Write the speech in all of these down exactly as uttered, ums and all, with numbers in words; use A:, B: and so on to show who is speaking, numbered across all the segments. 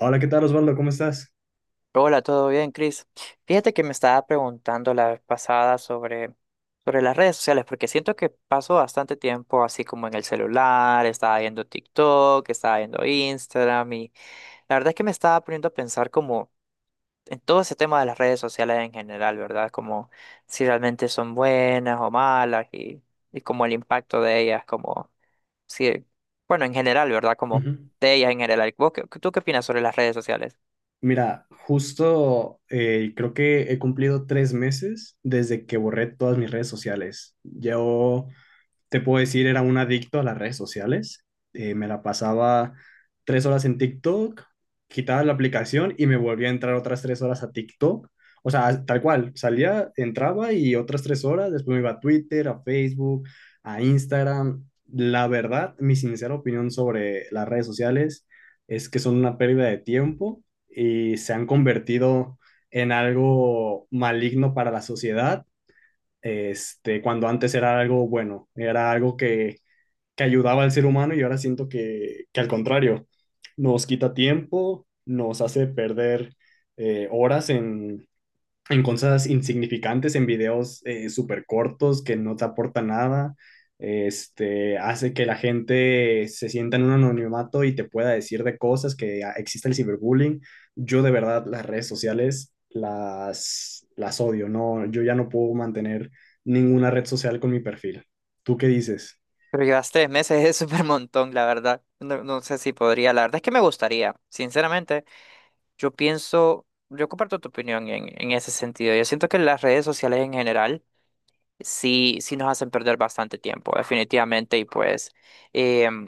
A: Hola, ¿qué tal Osvaldo? ¿Cómo estás?
B: Hola, ¿todo bien, Chris? Fíjate que me estaba preguntando la vez pasada sobre, sobre las redes sociales, porque siento que paso bastante tiempo así como en el celular, estaba viendo TikTok, estaba viendo Instagram y la verdad es que me estaba poniendo a pensar como en todo ese tema de las redes sociales en general, ¿verdad? Como si realmente son buenas o malas y, y como el impacto de ellas, como si, bueno, en general, ¿verdad? Como
A: Ujú.
B: de ellas en general. ¿Vos qué- tú qué opinas sobre las redes sociales?
A: Mira, justo eh, creo que he cumplido tres meses desde que borré todas mis redes sociales. Yo te puedo decir, era un adicto a las redes sociales. Eh, me la pasaba tres horas en TikTok, quitaba la aplicación y me volvía a entrar otras tres horas a TikTok. O sea, tal cual, salía, entraba y otras tres horas, después me iba a Twitter, a Facebook, a Instagram. La verdad, mi sincera opinión sobre las redes sociales es que son una pérdida de tiempo y se han convertido en algo maligno para la sociedad este, Cuando antes era algo bueno, era algo que, que ayudaba al ser humano, y ahora siento que, que al contrario, nos quita tiempo, nos hace perder eh, horas en, en cosas insignificantes, en videos eh, súper cortos que no te aportan nada. Este, hace que la gente se sienta en un anonimato y te pueda decir de cosas que ah, existe el ciberbullying. Yo de verdad las redes sociales las, las odio, no, yo ya no puedo mantener ninguna red social con mi perfil. ¿Tú qué dices?
B: Pero llevas tres meses, es súper montón, la verdad. No, no sé si podría, la verdad es que me gustaría. Sinceramente, yo pienso, yo comparto tu opinión en, en ese sentido. Yo siento que las redes sociales en general sí, sí nos hacen perder bastante tiempo, definitivamente. Y pues, em,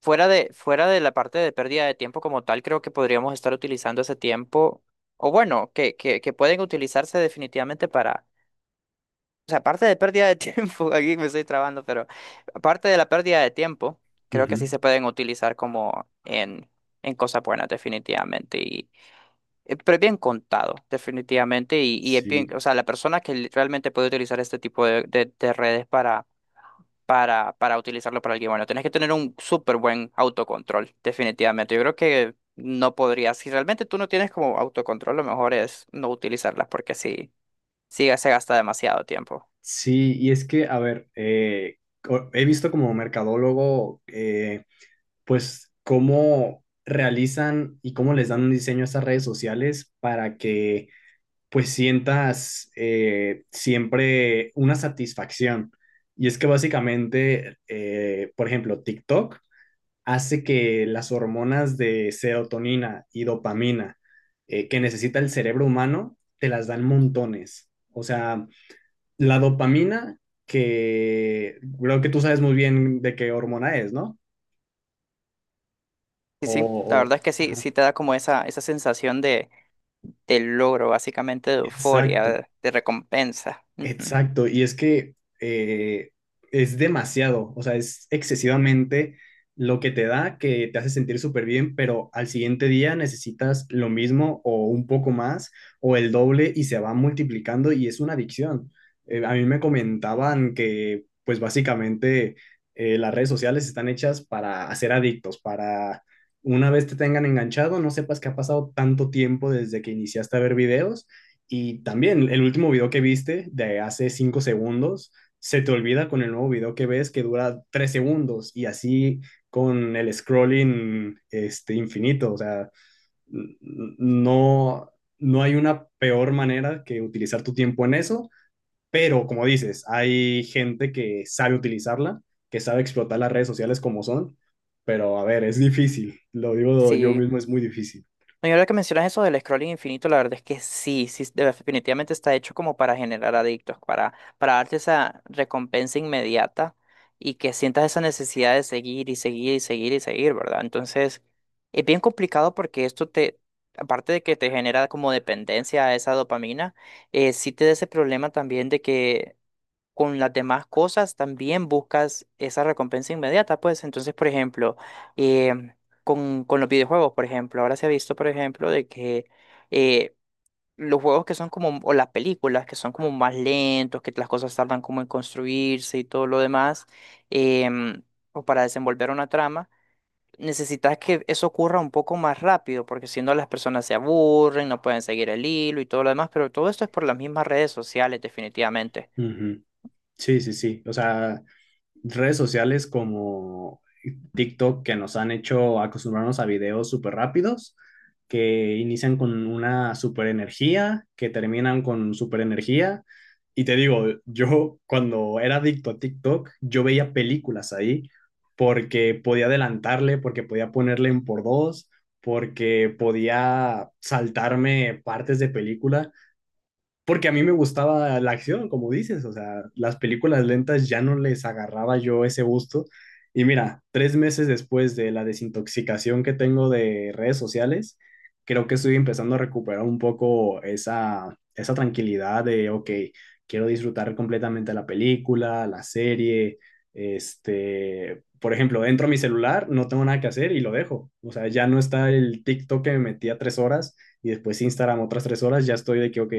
B: fuera de, fuera de la parte de pérdida de tiempo como tal, creo que podríamos estar utilizando ese tiempo, o bueno, que, que, que pueden utilizarse definitivamente para o sea, aparte de pérdida de tiempo, aquí me estoy trabando, pero aparte de la pérdida de tiempo, creo que sí
A: Ujú.
B: se pueden utilizar como en, en cosas buenas, definitivamente. Y, eh, pero es bien contado, definitivamente. Y, y es bien,
A: Sí.
B: o sea, la persona que li- realmente puede utilizar este tipo de, de- de redes para, para, para, utilizarlo para alguien bueno, tienes que tener un súper buen autocontrol, definitivamente. Yo creo que no podrías. Si realmente tú no tienes como autocontrol, lo mejor es no utilizarlas porque sí, sí se gasta demasiado tiempo.
A: Sí, y es que, a ver, eh, co- he visto como mercadólogo eh, pues cómo realizan y cómo les dan un diseño a estas redes sociales para que pues sientas eh, siempre una satisfacción. Y es que básicamente, eh, por ejemplo, TikTok hace que las hormonas de serotonina y dopamina eh, que necesita el cerebro humano te las dan montones. O sea, la dopamina que creo que tú sabes muy bien de qué hormona es, ¿no?
B: Sí,
A: O,
B: sí, la
A: o-
B: verdad es que sí, sí te da como esa, esa sensación de, de logro, básicamente de
A: exacto.
B: euforia, de, recompensa. Ujú.
A: Exacto, y es que eh, es demasiado, o sea, es excesivamente lo que te da, que te hace sentir súper bien, pero al siguiente día necesitas lo mismo o un poco más o el doble y se va multiplicando y es una adicción. Eh, a mí me comentaban que pues básicamente eh, las redes sociales están hechas para hacer adictos, para una vez te tengan enganchado, no sepas que ha pasado tanto tiempo desde que iniciaste a ver videos, y también el último video que viste de hace cinco segundos, se te olvida con el nuevo video que ves que dura tres segundos, y así con el scrolling este, infinito. O sea, no, no hay una peor manera que utilizar tu tiempo en eso, pero como dices, hay gente que sabe utilizarla, que sabe explotar las redes sociales como son, pero a ver, es difícil, lo digo yo
B: Sí.
A: mismo, es muy difícil.
B: No, y ahora que mencionas eso del scrolling infinito, la verdad es que sí, sí, de- definitivamente está hecho como para generar adictos, para, para darte esa recompensa inmediata y que sientas esa necesidad de seguir y seguir y seguir y seguir, ¿verdad? Entonces, es bien complicado porque esto te, aparte de que te genera como dependencia a esa dopamina, eh, sí te da ese problema también de que con las demás cosas también buscas esa recompensa inmediata, pues entonces, por ejemplo, em, con, con los videojuegos, por ejemplo, ahora se ha visto, por ejemplo, de que eh, los juegos que son como, o las películas que son como más lentos, que las cosas tardan como en construirse y todo lo demás, em, o para desenvolver una trama. Necesitas que eso ocurra un poco más rápido, porque si no las personas se aburren, no pueden seguir el hilo y todo lo demás, pero todo esto es por las mismas redes sociales, definitivamente.
A: Ujú. Sí, sí, sí. O sea, redes sociales como TikTok que nos han hecho acostumbrarnos a videos súper rápidos, que inician con una super energía, que terminan con super energía. Y te digo, yo cuando era adicto a TikTok, yo veía películas ahí porque podía adelantarle, porque podía ponerle en por dos, porque podía saltarme partes de película porque a mí me gustaba la acción, como dices, o sea, las películas lentas ya no les agarraba yo ese gusto. Y mira, tres meses después de la desintoxicación que tengo de redes sociales, creo que estoy empezando a recuperar un poco esa, esa tranquilidad de, ok, quiero disfrutar completamente la película, la serie, este, por ejemplo, entro a mi celular, no tengo nada que hacer y lo dejo. O sea, ya no está el TikTok que me metía tres horas y después Instagram otras tres horas, ya estoy de que, ok,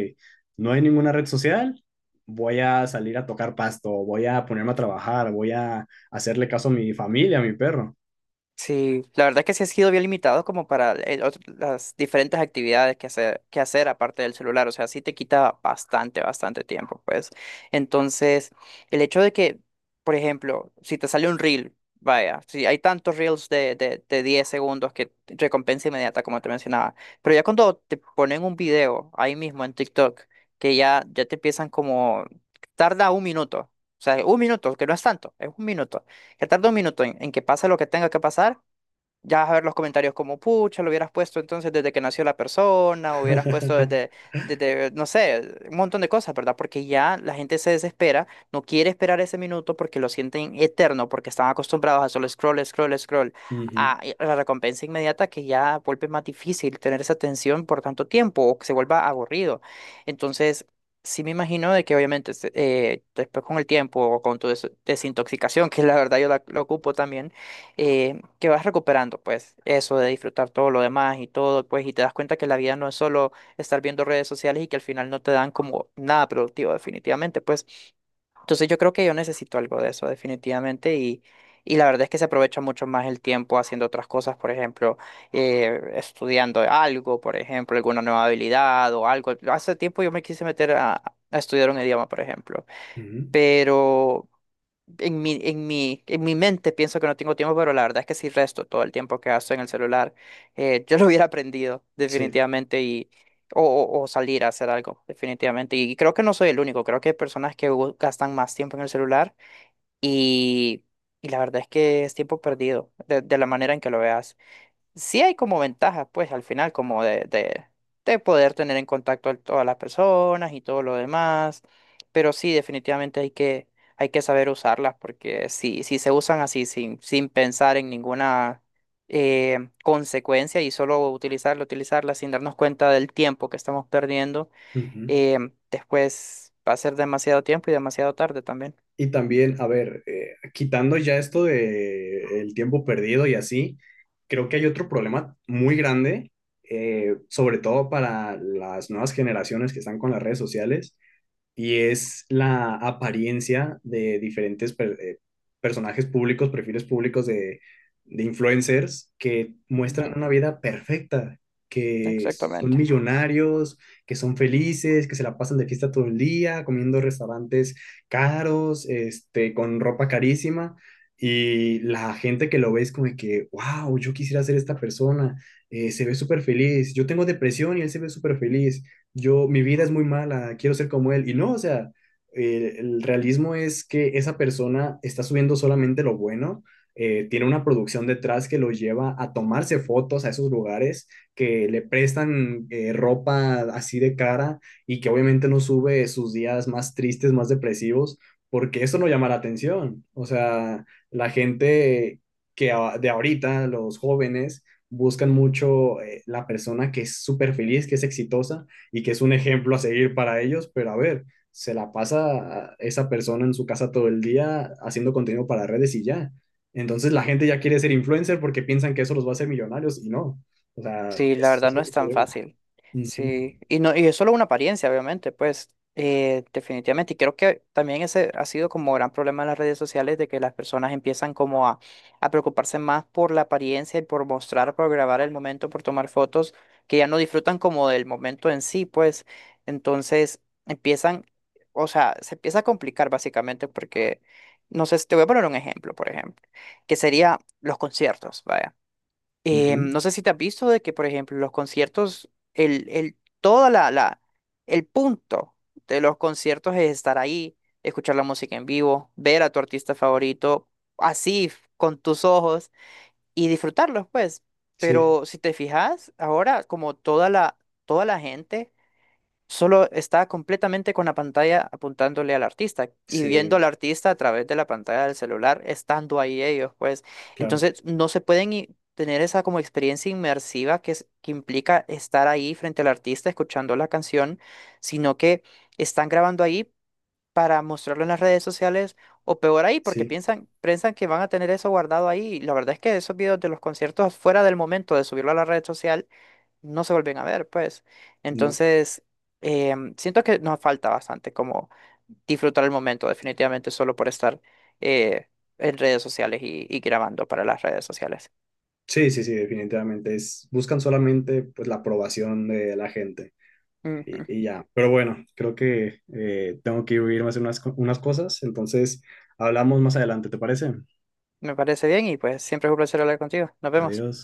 A: no hay ninguna red social, voy a salir a tocar pasto, voy a ponerme a trabajar, voy a hacerle caso a mi familia, a mi perro.
B: Sí, la verdad que sí ha sido bien limitado como para el otro- las diferentes actividades que hacer, que hacer aparte del celular, o sea, sí te quita bastante, bastante tiempo, pues. Entonces, el hecho de que, por ejemplo, si te sale un reel, vaya, si hay tantos reels de, de, de diez segundos que recompensa inmediata, como te mencionaba, pero ya cuando te ponen un video ahí mismo en TikTok, que ya, ya te empiezan como, tarda un minuto, o sea, un minuto, que no es tanto, es un minuto que tarda un minuto en, en que pase lo que tenga que pasar ya vas a ver los comentarios como, pucha, lo hubieras puesto entonces desde que nació la persona, o hubieras puesto desde, desde, no sé, un montón de cosas, ¿verdad? Porque ya la gente se desespera, no quiere esperar ese minuto porque lo sienten eterno, porque están acostumbrados a solo scroll, scroll, scroll,
A: Ujú,
B: a a la recompensa inmediata que ya vuelve más difícil tener esa atención por tanto tiempo o que se vuelva aburrido. Entonces, sí me imagino de que obviamente se- eh, después con el tiempo o con tu des- desintoxicación, que la verdad yo la, la ocupo también, eh, que vas recuperando, pues, eso de disfrutar todo lo demás y todo, pues, y te das cuenta que la vida no es solo estar viendo redes sociales y que al final no te dan como nada productivo, definitivamente, pues. Entonces yo creo que yo necesito algo de eso, definitivamente, y, y la verdad es que se aprovecha mucho más el tiempo haciendo otras cosas, por ejemplo, eh, estudiando algo, por ejemplo, alguna nueva habilidad o algo. Hace tiempo yo me quise meter a, a estudiar un idioma, por ejemplo,
A: ujú,
B: pero... En mi, en mi, en mi mente pienso que no tengo tiempo, pero la verdad es que sí resto todo el tiempo que gasto en el celular. Eh, yo lo hubiera aprendido
A: sí.
B: definitivamente y o, o- o salir a hacer algo definitivamente. Y creo que no soy el único, creo que hay personas que gu- gastan más tiempo en el celular y, y la verdad es que es tiempo perdido de, de la manera en que lo veas sí hay como ventajas, pues al final, como de, de, de poder tener en contacto a todas las personas y todo lo demás, pero sí, definitivamente hay que, hay que saber usarlas, porque si, si se usan así sin, sin pensar en ninguna eh, consecuencia y solo utilizarla, utilizarla, sin darnos cuenta del tiempo que estamos perdiendo,
A: Ujú.
B: eh, después va a ser demasiado tiempo y demasiado tarde también.
A: Y también, a ver, eh, quitando ya esto de el tiempo perdido y así, creo que hay otro problema muy grande, eh, sobre todo para las nuevas generaciones que están con las redes sociales, y es la apariencia de diferentes per- eh, personajes públicos, perfiles públicos de, de influencers que muestran
B: Ujú.
A: una vida perfecta, que son
B: Exactamente.
A: millonarios, que son felices, que se la pasan de fiesta todo el día, comiendo en restaurantes caros, este, con ropa carísima. Y la gente que lo ve es como de que, wow, yo quisiera ser esta persona, eh, se ve súper feliz, yo tengo depresión y él se ve súper feliz, yo, mi vida es muy mala, quiero ser como él. Y no, o sea, eh, el realismo es que esa persona está subiendo solamente lo bueno, eh, tiene una producción detrás que lo lleva a tomarse fotos a esos lugares, que le prestan eh, ropa así de cara, y que obviamente no sube sus días más tristes, más depresivos, porque eso no llama la atención. O sea, la gente que a- de ahorita, los jóvenes, buscan mucho eh, la persona que es súper feliz, que es exitosa, y que es un ejemplo a seguir para ellos, pero a ver, se la pasa esa persona en su casa todo el día haciendo contenido para redes y ya. Entonces la gente ya quiere ser influencer porque piensan que eso los va a hacer millonarios y no. O sea,
B: Sí, la
A: es,
B: verdad
A: es
B: no es
A: otro
B: tan
A: problema.
B: fácil.
A: Ujú,
B: Sí, y no, y es solo una apariencia, obviamente, pues, eh, definitivamente. Y creo que también ese ha sido como gran problema en las redes sociales de que las personas empiezan como a, a preocuparse más por la apariencia y por mostrar, por grabar el momento, por tomar fotos, que ya no disfrutan como del momento en sí, pues. Entonces empiezan, o sea, se empieza a complicar básicamente porque, no sé, te voy a poner un ejemplo, por ejemplo, que sería los conciertos, vaya. Eh,
A: ujú.
B: no sé si te has visto de que, por ejemplo, los conciertos, el, el, toda la, la, el punto de los conciertos es estar ahí, escuchar la música en vivo, ver a tu artista favorito, así, f- con tus ojos, y disfrutarlos, pues.
A: Sí,
B: Pero si te fijas, ahora como toda la, toda la gente solo está completamente con la pantalla apuntándole al artista y viendo al
A: sí,
B: artista a través de la pantalla del celular, estando ahí ellos, pues.
A: claro,
B: Entonces, no se pueden i- tener esa como experiencia inmersiva que, es- que implica estar ahí frente al artista escuchando la canción, sino que están grabando ahí para mostrarlo en las redes sociales o peor ahí, porque
A: sí,
B: piensan, piensan que van a tener eso guardado ahí. Y la verdad es que esos videos de los conciertos fuera del momento de subirlo a la red social no se vuelven a ver, pues.
A: no.
B: Entonces, em, siento que nos falta bastante como disfrutar el momento, definitivamente, solo por estar eh, en redes sociales y, y grabando para las redes sociales.
A: Sí, sí, sí, definitivamente. Es, buscan solamente pues, la aprobación de la gente y,
B: Ujú.
A: y ya. Pero bueno, creo que eh, tengo que irme a hacer unas, co- unas cosas, entonces hablamos más adelante, ¿te parece?
B: Me parece bien y pues siempre es un placer hablar contigo. Nos vemos.
A: Adiós.